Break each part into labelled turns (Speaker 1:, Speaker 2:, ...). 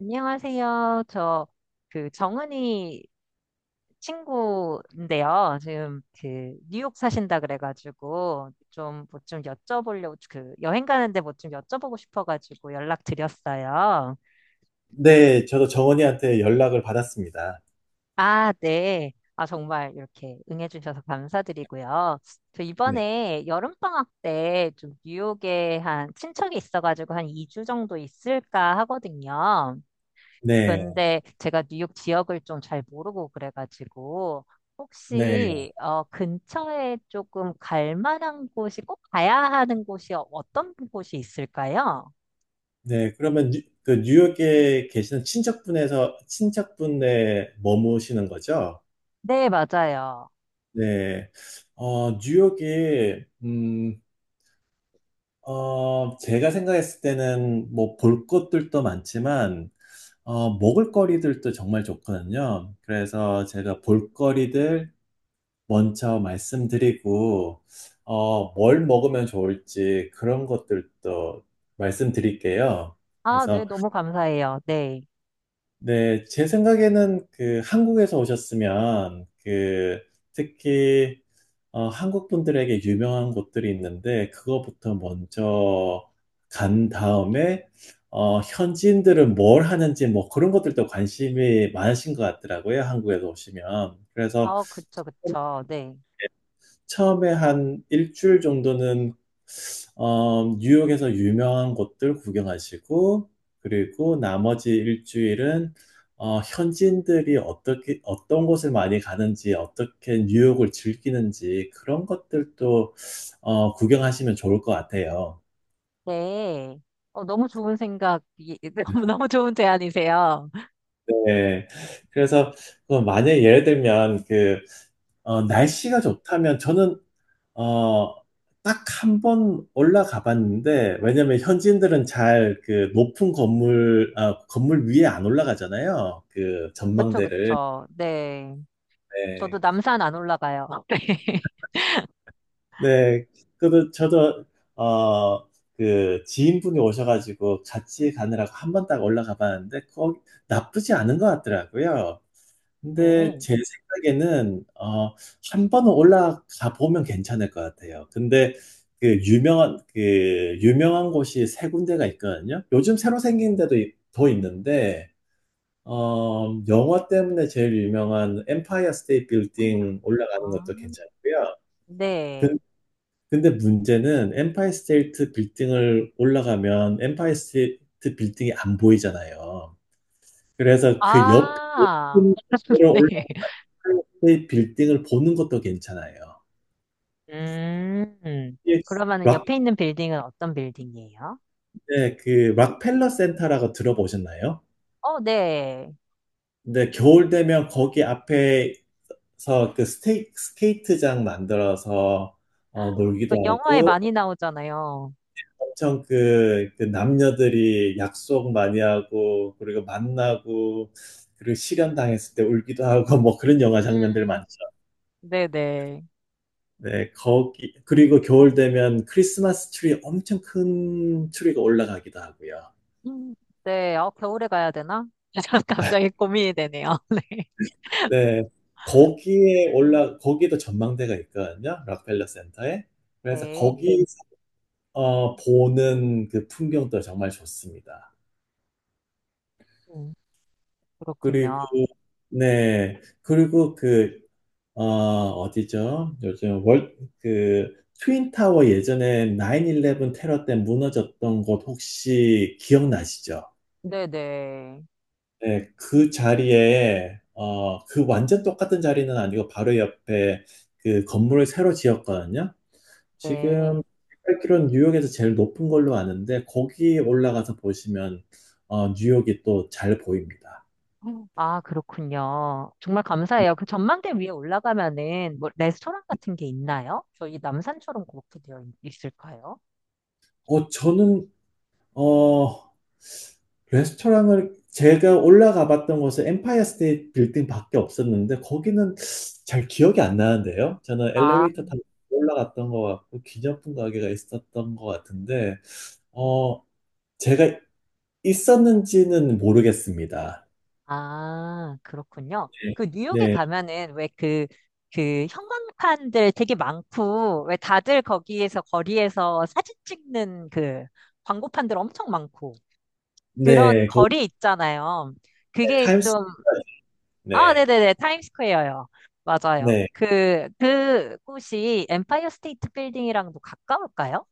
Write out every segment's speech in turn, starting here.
Speaker 1: 안녕하세요. 정은이 친구인데요. 뉴욕 사신다 그래가지고, 여행 가는데 뭐 좀 여쭤보고 싶어가지고 연락드렸어요.
Speaker 2: 네. 저도 정언니한테 연락을 받았습니다.
Speaker 1: 아, 네. 아, 정말 이렇게 응해주셔서 감사드리고요. 저
Speaker 2: 네.
Speaker 1: 이번에 여름방학 때 좀 뉴욕에 한 친척이 있어가지고 한 2주 정도 있을까 하거든요.
Speaker 2: 네.
Speaker 1: 근데 제가 뉴욕 지역을 좀 잘 모르고 그래가지고
Speaker 2: 네.
Speaker 1: 혹시 근처에 조금 갈 만한 곳이 꼭 가야 하는 곳이 어떤 곳이 있을까요?
Speaker 2: 네. 그러면 뉴 그 뉴욕에 계시는 친척분에 머무시는 거죠?
Speaker 1: 네, 맞아요.
Speaker 2: 네. 뉴욕이, 제가 생각했을 때는 뭐 볼 것들도 많지만 먹을거리들도 정말 좋거든요. 그래서 제가 볼거리들 먼저 말씀드리고, 뭘 먹으면 좋을지 그런 것들도 말씀드릴게요.
Speaker 1: 아, 네,
Speaker 2: 그래서,
Speaker 1: 너무 감사해요. 네.
Speaker 2: 네, 제 생각에는 그 한국에서 오셨으면 그 특히 한국 분들에게 유명한 곳들이 있는데 그거부터 먼저 간 다음에, 현지인들은 뭘 하는지 뭐 그런 것들도 관심이 많으신 것 같더라고요. 한국에서 오시면. 그래서
Speaker 1: 아, 그쵸, 그쵸. 네.
Speaker 2: 처음에 한 일주일 정도는 뉴욕에서 유명한 곳들 구경하시고, 그리고 나머지 일주일은 현지인들이 어떻게, 어떤 곳을 많이 가는지, 어떻게 뉴욕을 즐기는지, 그런 것들도 구경하시면 좋을 것 같아요.
Speaker 1: 네. 어, 너무 좋은 생각, 너무 좋은 제안이세요.
Speaker 2: 네. 그래서 그 만약에 예를 들면 그 날씨가 좋다면 저는 어, 딱 한번 올라가 봤는데, 왜냐면 현지인들은 잘 그 높은 건물 위에 안 올라가잖아요. 그
Speaker 1: 그쵸,
Speaker 2: 전망대를.
Speaker 1: 그쵸. 네. 저도
Speaker 2: 네.
Speaker 1: 남산 안 올라가요.
Speaker 2: 네, 그, 저도, 어, 그, 지인분이 오셔가지고 같이 가느라고 한 번 딱 올라가 봤는데, 거기 나쁘지 않은 것 같더라고요. 근데
Speaker 1: 네.
Speaker 2: 제 생각에는, 한 번 올라가 보면 괜찮을 것 같아요. 근데 그 유명한 곳이 세 군데가 있거든요. 요즘 새로 생긴 데도 더 있는데, 영화 때문에 제일 유명한 엠파이어 스테이트 빌딩 올라가는
Speaker 1: 아,
Speaker 2: 것도 괜찮고요.
Speaker 1: 네.
Speaker 2: 근데 문제는 엠파이 스테이트 빌딩을 올라가면 엠파이 스테이트 빌딩이 안 보이잖아요. 그래서 그 옆에
Speaker 1: 아,
Speaker 2: 높은 건물을
Speaker 1: 네.
Speaker 2: 올라가는 그 빌딩을 보는 것도 괜찮아요.
Speaker 1: 음,
Speaker 2: 예,
Speaker 1: 그러면은
Speaker 2: 락,
Speaker 1: 옆에 있는 빌딩은 어떤 빌딩이에요?
Speaker 2: 네, 그 락펠러 센터라고 들어보셨나요?
Speaker 1: 어, 네.
Speaker 2: 근데 겨울 되면 거기 앞에서 그 스케이트장 만들어서
Speaker 1: 그
Speaker 2: 놀기도
Speaker 1: 영화에
Speaker 2: 하고
Speaker 1: 많이 나오잖아요.
Speaker 2: 엄청 그 남녀들이 약속 많이 하고 그리고 만나고 그리고 실현당했을 때 울기도 하고 뭐 그런 영화 장면들
Speaker 1: 음,
Speaker 2: 많죠.
Speaker 1: 네네.
Speaker 2: 네, 거기 그리고 겨울 되면 크리스마스 트리, 엄청 큰 트리가 올라가기도 하고요.
Speaker 1: 음, 네. 어, 겨울에 가야 되나? 갑자기 고민이 되네요. 네.
Speaker 2: 네, 거기에 올라 거기도 전망대가 있거든요. 락펠러 센터에. 그래서
Speaker 1: 네.
Speaker 2: 거기 보는 그 풍경도 정말 좋습니다.
Speaker 1: 음,
Speaker 2: 그리고
Speaker 1: 그렇군요.
Speaker 2: 네, 그리고 그 어디죠? 요즘 트윈타워 예전에 9/11 테러 때 무너졌던 곳 혹시 기억나시죠?
Speaker 1: 네네.
Speaker 2: 네, 그 자리에, 그 완전 똑같은 자리는 아니고 바로 옆에 그 건물을 새로 지었거든요. 지금
Speaker 1: 네.
Speaker 2: 8km는 뉴욕에서 제일 높은 걸로 아는데 거기 올라가서 보시면 뉴욕이 또 잘 보입니다.
Speaker 1: 아, 그렇군요. 정말 감사해요. 그 전망대 위에 올라가면은 뭐 레스토랑 같은 게 있나요? 저희 남산처럼 그렇게 있을까요?
Speaker 2: 저는 어, 레스토랑을 제가 올라가 봤던 곳은 엠파이어 스테이트 빌딩밖에 없었는데 거기는 잘 기억이 안 나는데요. 저는
Speaker 1: 아,
Speaker 2: 엘리베이터 타고 올라갔던 것 같고 기념품 가게가 있었던 것 같은데
Speaker 1: 음.
Speaker 2: 어, 제가 있었는지는 모르겠습니다.
Speaker 1: 아, 그렇군요.
Speaker 2: 네,
Speaker 1: 그 뉴욕에
Speaker 2: 네,
Speaker 1: 가면은 그 형광판들 되게 많고, 왜 다들 거기에서 거리에서 사진 찍는 그 광고판들 엄청 많고, 그런
Speaker 2: 네, 거기
Speaker 1: 거리 있잖아요. 그게
Speaker 2: 타임스,
Speaker 1: 좀, 아,
Speaker 2: 네,
Speaker 1: 네네네, 타임스퀘어요. 맞아요.
Speaker 2: 네.
Speaker 1: 그 곳이 엠파이어 스테이트 빌딩이랑도 가까울까요?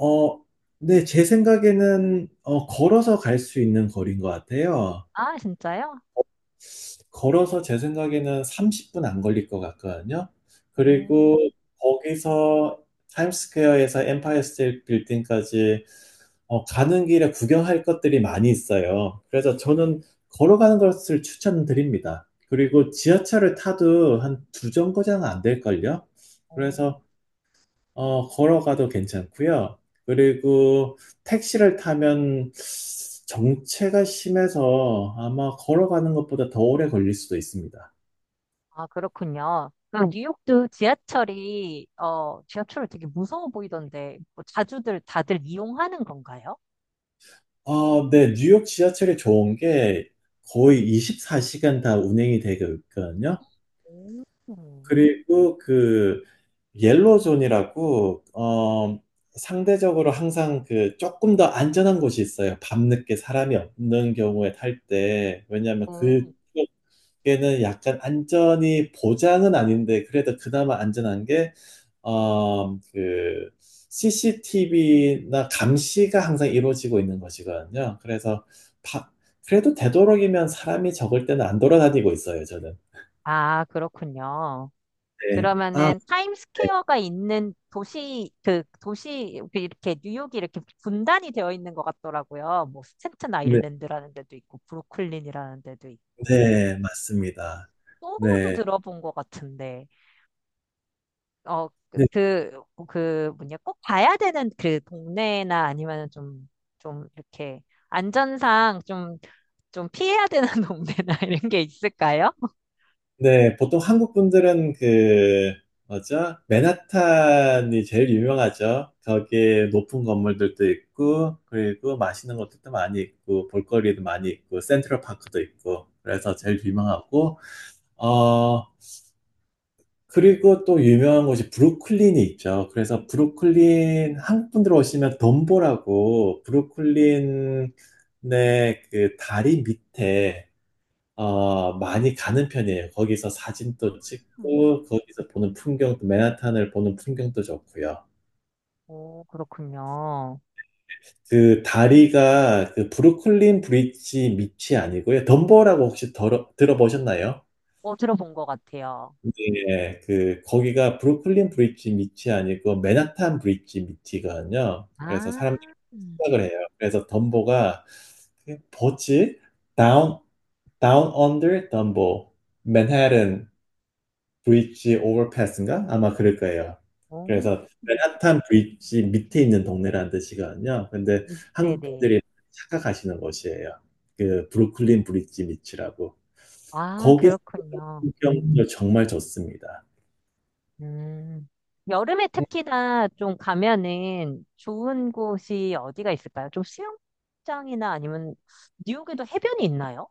Speaker 2: 어, 네, 제 생각에는 걸어서 갈 수 있는 거리인 것 같아요.
Speaker 1: 아, 진짜요?
Speaker 2: 걸어서 제 생각에는 30분 안 걸릴 것 같거든요.
Speaker 1: 오,
Speaker 2: 그리고 거기서 타임스퀘어에서 엠파이어 스테이트 빌딩까지 가는 길에 구경할 것들이 많이 있어요. 그래서 저는 걸어가는 것을 추천드립니다. 그리고 지하철을 타도 한 두 정거장 안 될걸요?
Speaker 1: 오.
Speaker 2: 그래서 걸어가도 괜찮고요. 그리고 택시를 타면 정체가 심해서 아마 걸어가는 것보다 더 오래 걸릴 수도 있습니다.
Speaker 1: 아, 그렇군요. 뉴욕도 지하철을 되게 무서워 보이던데 뭐 자주들 다들 이용하는 건가요?
Speaker 2: 아, 네, 뉴욕 지하철이 좋은 게 거의 24시간 다 운행이 되고 있거든요.
Speaker 1: 음.
Speaker 2: 그리고 그 옐로존이라고, 상대적으로 항상 그 조금 더 안전한 곳이 있어요. 밤늦게 사람이 없는 경우에 탈 때. 왜냐하면
Speaker 1: 네.
Speaker 2: 그쪽에는 약간 안전이 보장은 아닌데 그래도 그나마 안전한 게 그 CCTV나 감시가 항상 이루어지고 있는 것이거든요. 그래서 바- 그래도 되도록이면 사람이 적을 때는 안 돌아다니고 있어요, 저는.
Speaker 1: 아, 그렇군요.
Speaker 2: 네. 아,
Speaker 1: 그러면은
Speaker 2: 네.
Speaker 1: 타임스퀘어가 있는 도시 그 도시 그 이렇게 뉴욕이 이렇게 분단이 되어 있는 것 같더라고요. 뭐 스탠튼
Speaker 2: 네,
Speaker 1: 아일랜드라는 데도 있고 브루클린이라는 데도 있고
Speaker 2: 네, 맞습니다.
Speaker 1: 소호도
Speaker 2: 네.
Speaker 1: 들어본 것 같은데 어, 그,
Speaker 2: 네,
Speaker 1: 그 꼭 봐야 되는 그 동네나 아니면 이렇게 안전상 피해야 되는 동네나 이런 게 있을까요?
Speaker 2: 네, 보통 한국 분들은 그 뭐죠? 맨하탄이 제일 유명하죠. 거기에 높은 건물들도 있고, 그리고 맛있는 것들도 많이 있고, 볼거리도 많이 있고, 센트럴 파크도 있고, 그래서 제일 유명하고, 어, 그리고 또 유명한 곳이 브루클린이 있죠. 그래서 브루클린, 한국 분들 오시면 덤보라고 브루클린의 그 다리 밑에, 많이 가는 편이에요. 거기서 사진도
Speaker 1: 음.
Speaker 2: 찍고, 거기서 보는 풍경도, 맨하탄을 보는 풍경도 좋고요.
Speaker 1: 오, 그렇군요.
Speaker 2: 그 다리가 그 브루클린 브릿지 밑이 아니고요. 덤보라고 혹시 들어보셨나요?
Speaker 1: 어, 들어본 것 같아요.
Speaker 2: 예. 그 거기가 브루클린 브릿지 밑이 아니고 맨하탄 브릿지 밑이거든요. 그래서 사람들이
Speaker 1: 아,
Speaker 2: 착각을 해요. 그래서 덤보가, 그게 뭐지? Down Under 덤보 맨해튼 브릿지 오버패스인가? 아마 그럴 거예요.
Speaker 1: 오,
Speaker 2: 그래서 맨하탄 브릿지 밑에 있는 동네라는 뜻이거든요. 근데 한국
Speaker 1: 네네.
Speaker 2: 분들이 착각하시는 곳이에요. 그 브루클린 브릿지 밑이라고.
Speaker 1: 아,
Speaker 2: 거기서
Speaker 1: 그렇군요.
Speaker 2: 풍경도 정말 좋습니다.
Speaker 1: 음. 여름에 특히나 좀 가면은 좋은 곳이 어디가 있을까요? 좀 수영장이나 아니면 뉴욕에도 해변이 있나요?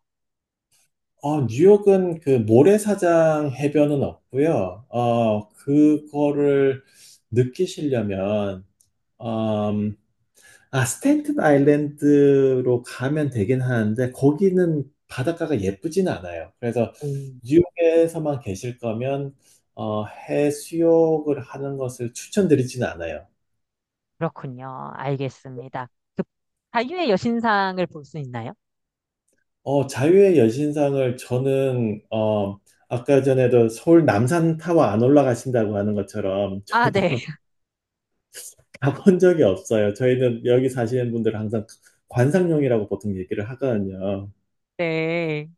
Speaker 2: 뉴욕은 그 모래사장 해변은 없고요. 그거를 느끼시려면 음, 스탠튼 아일랜드로 가면 되긴 하는데 거기는 바닷가가 예쁘진 않아요. 그래서
Speaker 1: 오,
Speaker 2: 뉴욕에서만 계실 거면 해수욕을 하는 것을 추천드리진 않아요.
Speaker 1: 그렇군요. 알겠습니다. 그 자유의 여신상을 볼 수 있나요?
Speaker 2: 자유의 여신상을 저는, 아까 전에도 서울 남산타워 안 올라가신다고 하는 것처럼
Speaker 1: 아, 네.
Speaker 2: 저도 가본 적이 없어요. 저희는 여기 사시는 분들은 항상 관상용이라고 보통 얘기를 하거든요.
Speaker 1: 네.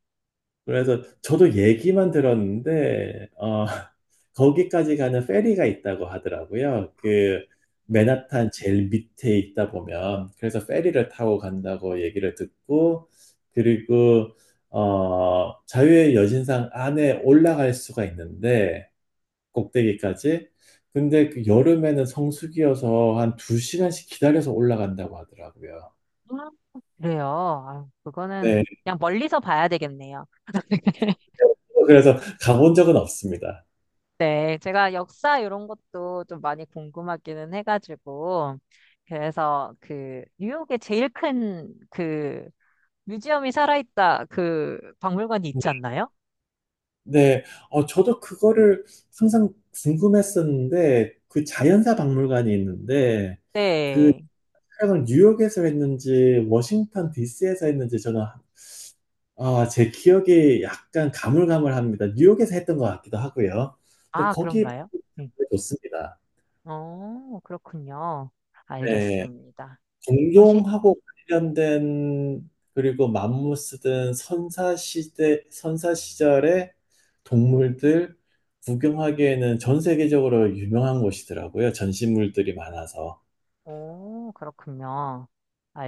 Speaker 2: 그래서 저도 얘기만 들었는데, 거기까지 가는 페리가 있다고 하더라고요. 그, 맨하탄 제일 밑에 있다 보면, 그래서 페리를 타고 간다고 얘기를 듣고, 그리고, 자유의 여신상 안에 올라갈 수가 있는데, 꼭대기까지. 근데 그 여름에는 성수기여서 한 두시간씩 기다려서 올라간다고 하더라고요.
Speaker 1: 아, 그래요. 아, 그거는
Speaker 2: 네.
Speaker 1: 그냥 멀리서 봐야 되겠네요.
Speaker 2: 그래서 가본 적은 없습니다.
Speaker 1: 네. 제가 역사 이런 것도 좀 많이 궁금하기는 해가지고. 그래서 그 뉴욕에 제일 큰 그 뮤지엄이 살아있다 그 박물관이 있지 않나요?
Speaker 2: 네, 저도 그거를 항상 궁금했었는데, 그 자연사 박물관이 있는데, 그
Speaker 1: 네.
Speaker 2: 촬영을 뉴욕에서 했는지, 워싱턴 DC에서 했는지, 저는, 아, 제 기억이 약간 가물가물합니다. 뉴욕에서 했던 것 같기도 하고요. 근데
Speaker 1: 아,
Speaker 2: 거기
Speaker 1: 그런가요? 네.
Speaker 2: 좋습니다.
Speaker 1: 어, 그렇군요.
Speaker 2: 네.
Speaker 1: 알겠습니다. 어, 예.
Speaker 2: 공룡하고 관련된, 그리고 맘무스든 선사 시절의 동물들 구경하기에는 전 세계적으로 유명한 곳이더라고요. 전시물들이 많아서.
Speaker 1: 오, 그렇군요.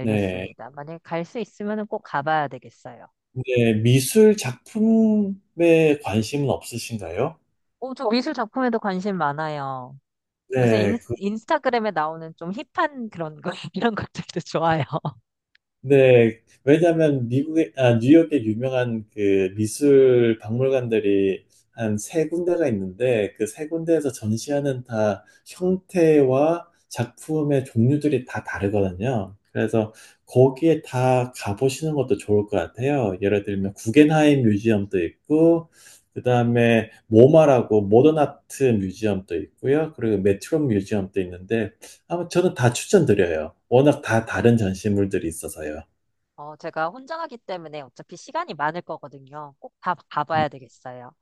Speaker 2: 네.
Speaker 1: 만약에 갈 수 있으면 꼭 가봐야 되겠어요.
Speaker 2: 근데 미술 작품에 관심은 없으신가요?
Speaker 1: 오, 저 미술 작품에도 관심 많아요. 요새
Speaker 2: 네.
Speaker 1: 인스타그램에 나오는 좀 힙한 그런 거, 이런 것들도 좋아요.
Speaker 2: 네, 왜냐하면 뉴욕에 유명한 그 미술 박물관들이 한 세 군데가 있는데 그 세 군데에서 전시하는 다 형태와 작품의 종류들이 다 다르거든요. 그래서 거기에 다 가보시는 것도 좋을 것 같아요. 예를 들면 구겐하임 뮤지엄도 있고, 그다음에 모마라고 모던 아트 뮤지엄도 있고요. 그리고 메트로 뮤지엄도 있는데 아마 저는 다 추천드려요. 워낙 다 다른 전시물들이 있어서요.
Speaker 1: 어, 제가 혼자 가기 때문에 어차피 시간이 많을 거거든요. 꼭 다 가봐야 되겠어요.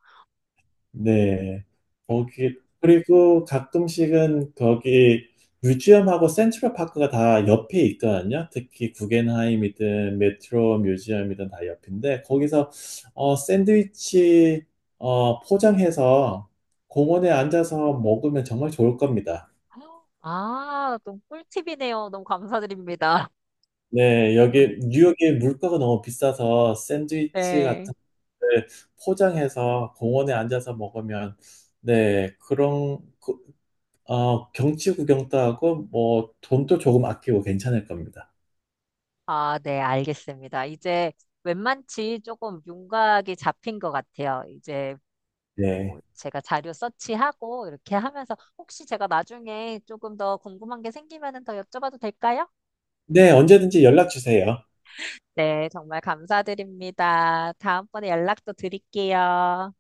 Speaker 2: 네.
Speaker 1: 네.
Speaker 2: 거기, 그리고 가끔씩은 거기 뮤지엄하고 센트럴 파크가 다 옆에 있거든요. 특히 구겐하임이든 메트로 뮤지엄이든 다 옆인데, 거기서 샌드위치 포장해서 공원에 앉아서 먹으면 정말 좋을 겁니다.
Speaker 1: 아, 또 꿀팁이네요. 너무 감사드립니다.
Speaker 2: 네, 여기 뉴욕의 물가가 너무 비싸서 샌드위치
Speaker 1: 네.
Speaker 2: 같은 걸 포장해서 공원에 앉아서 먹으면, 네, 경치 구경도 하고, 뭐, 돈도 조금 아끼고 괜찮을 겁니다.
Speaker 1: 아, 네, 알겠습니다. 이제 웬만치 조금 윤곽이 잡힌 것 같아요. 이제 뭐
Speaker 2: 네.
Speaker 1: 제가 자료 서치하고 이렇게 하면서 혹시 제가 나중에 조금 더 궁금한 게 생기면은 더 여쭤봐도 될까요?
Speaker 2: 네, 언제든지 연락 주세요.
Speaker 1: 네, 정말 감사드립니다. 다음번에 연락도 드릴게요.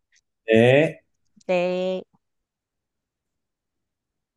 Speaker 2: 네.
Speaker 1: 네.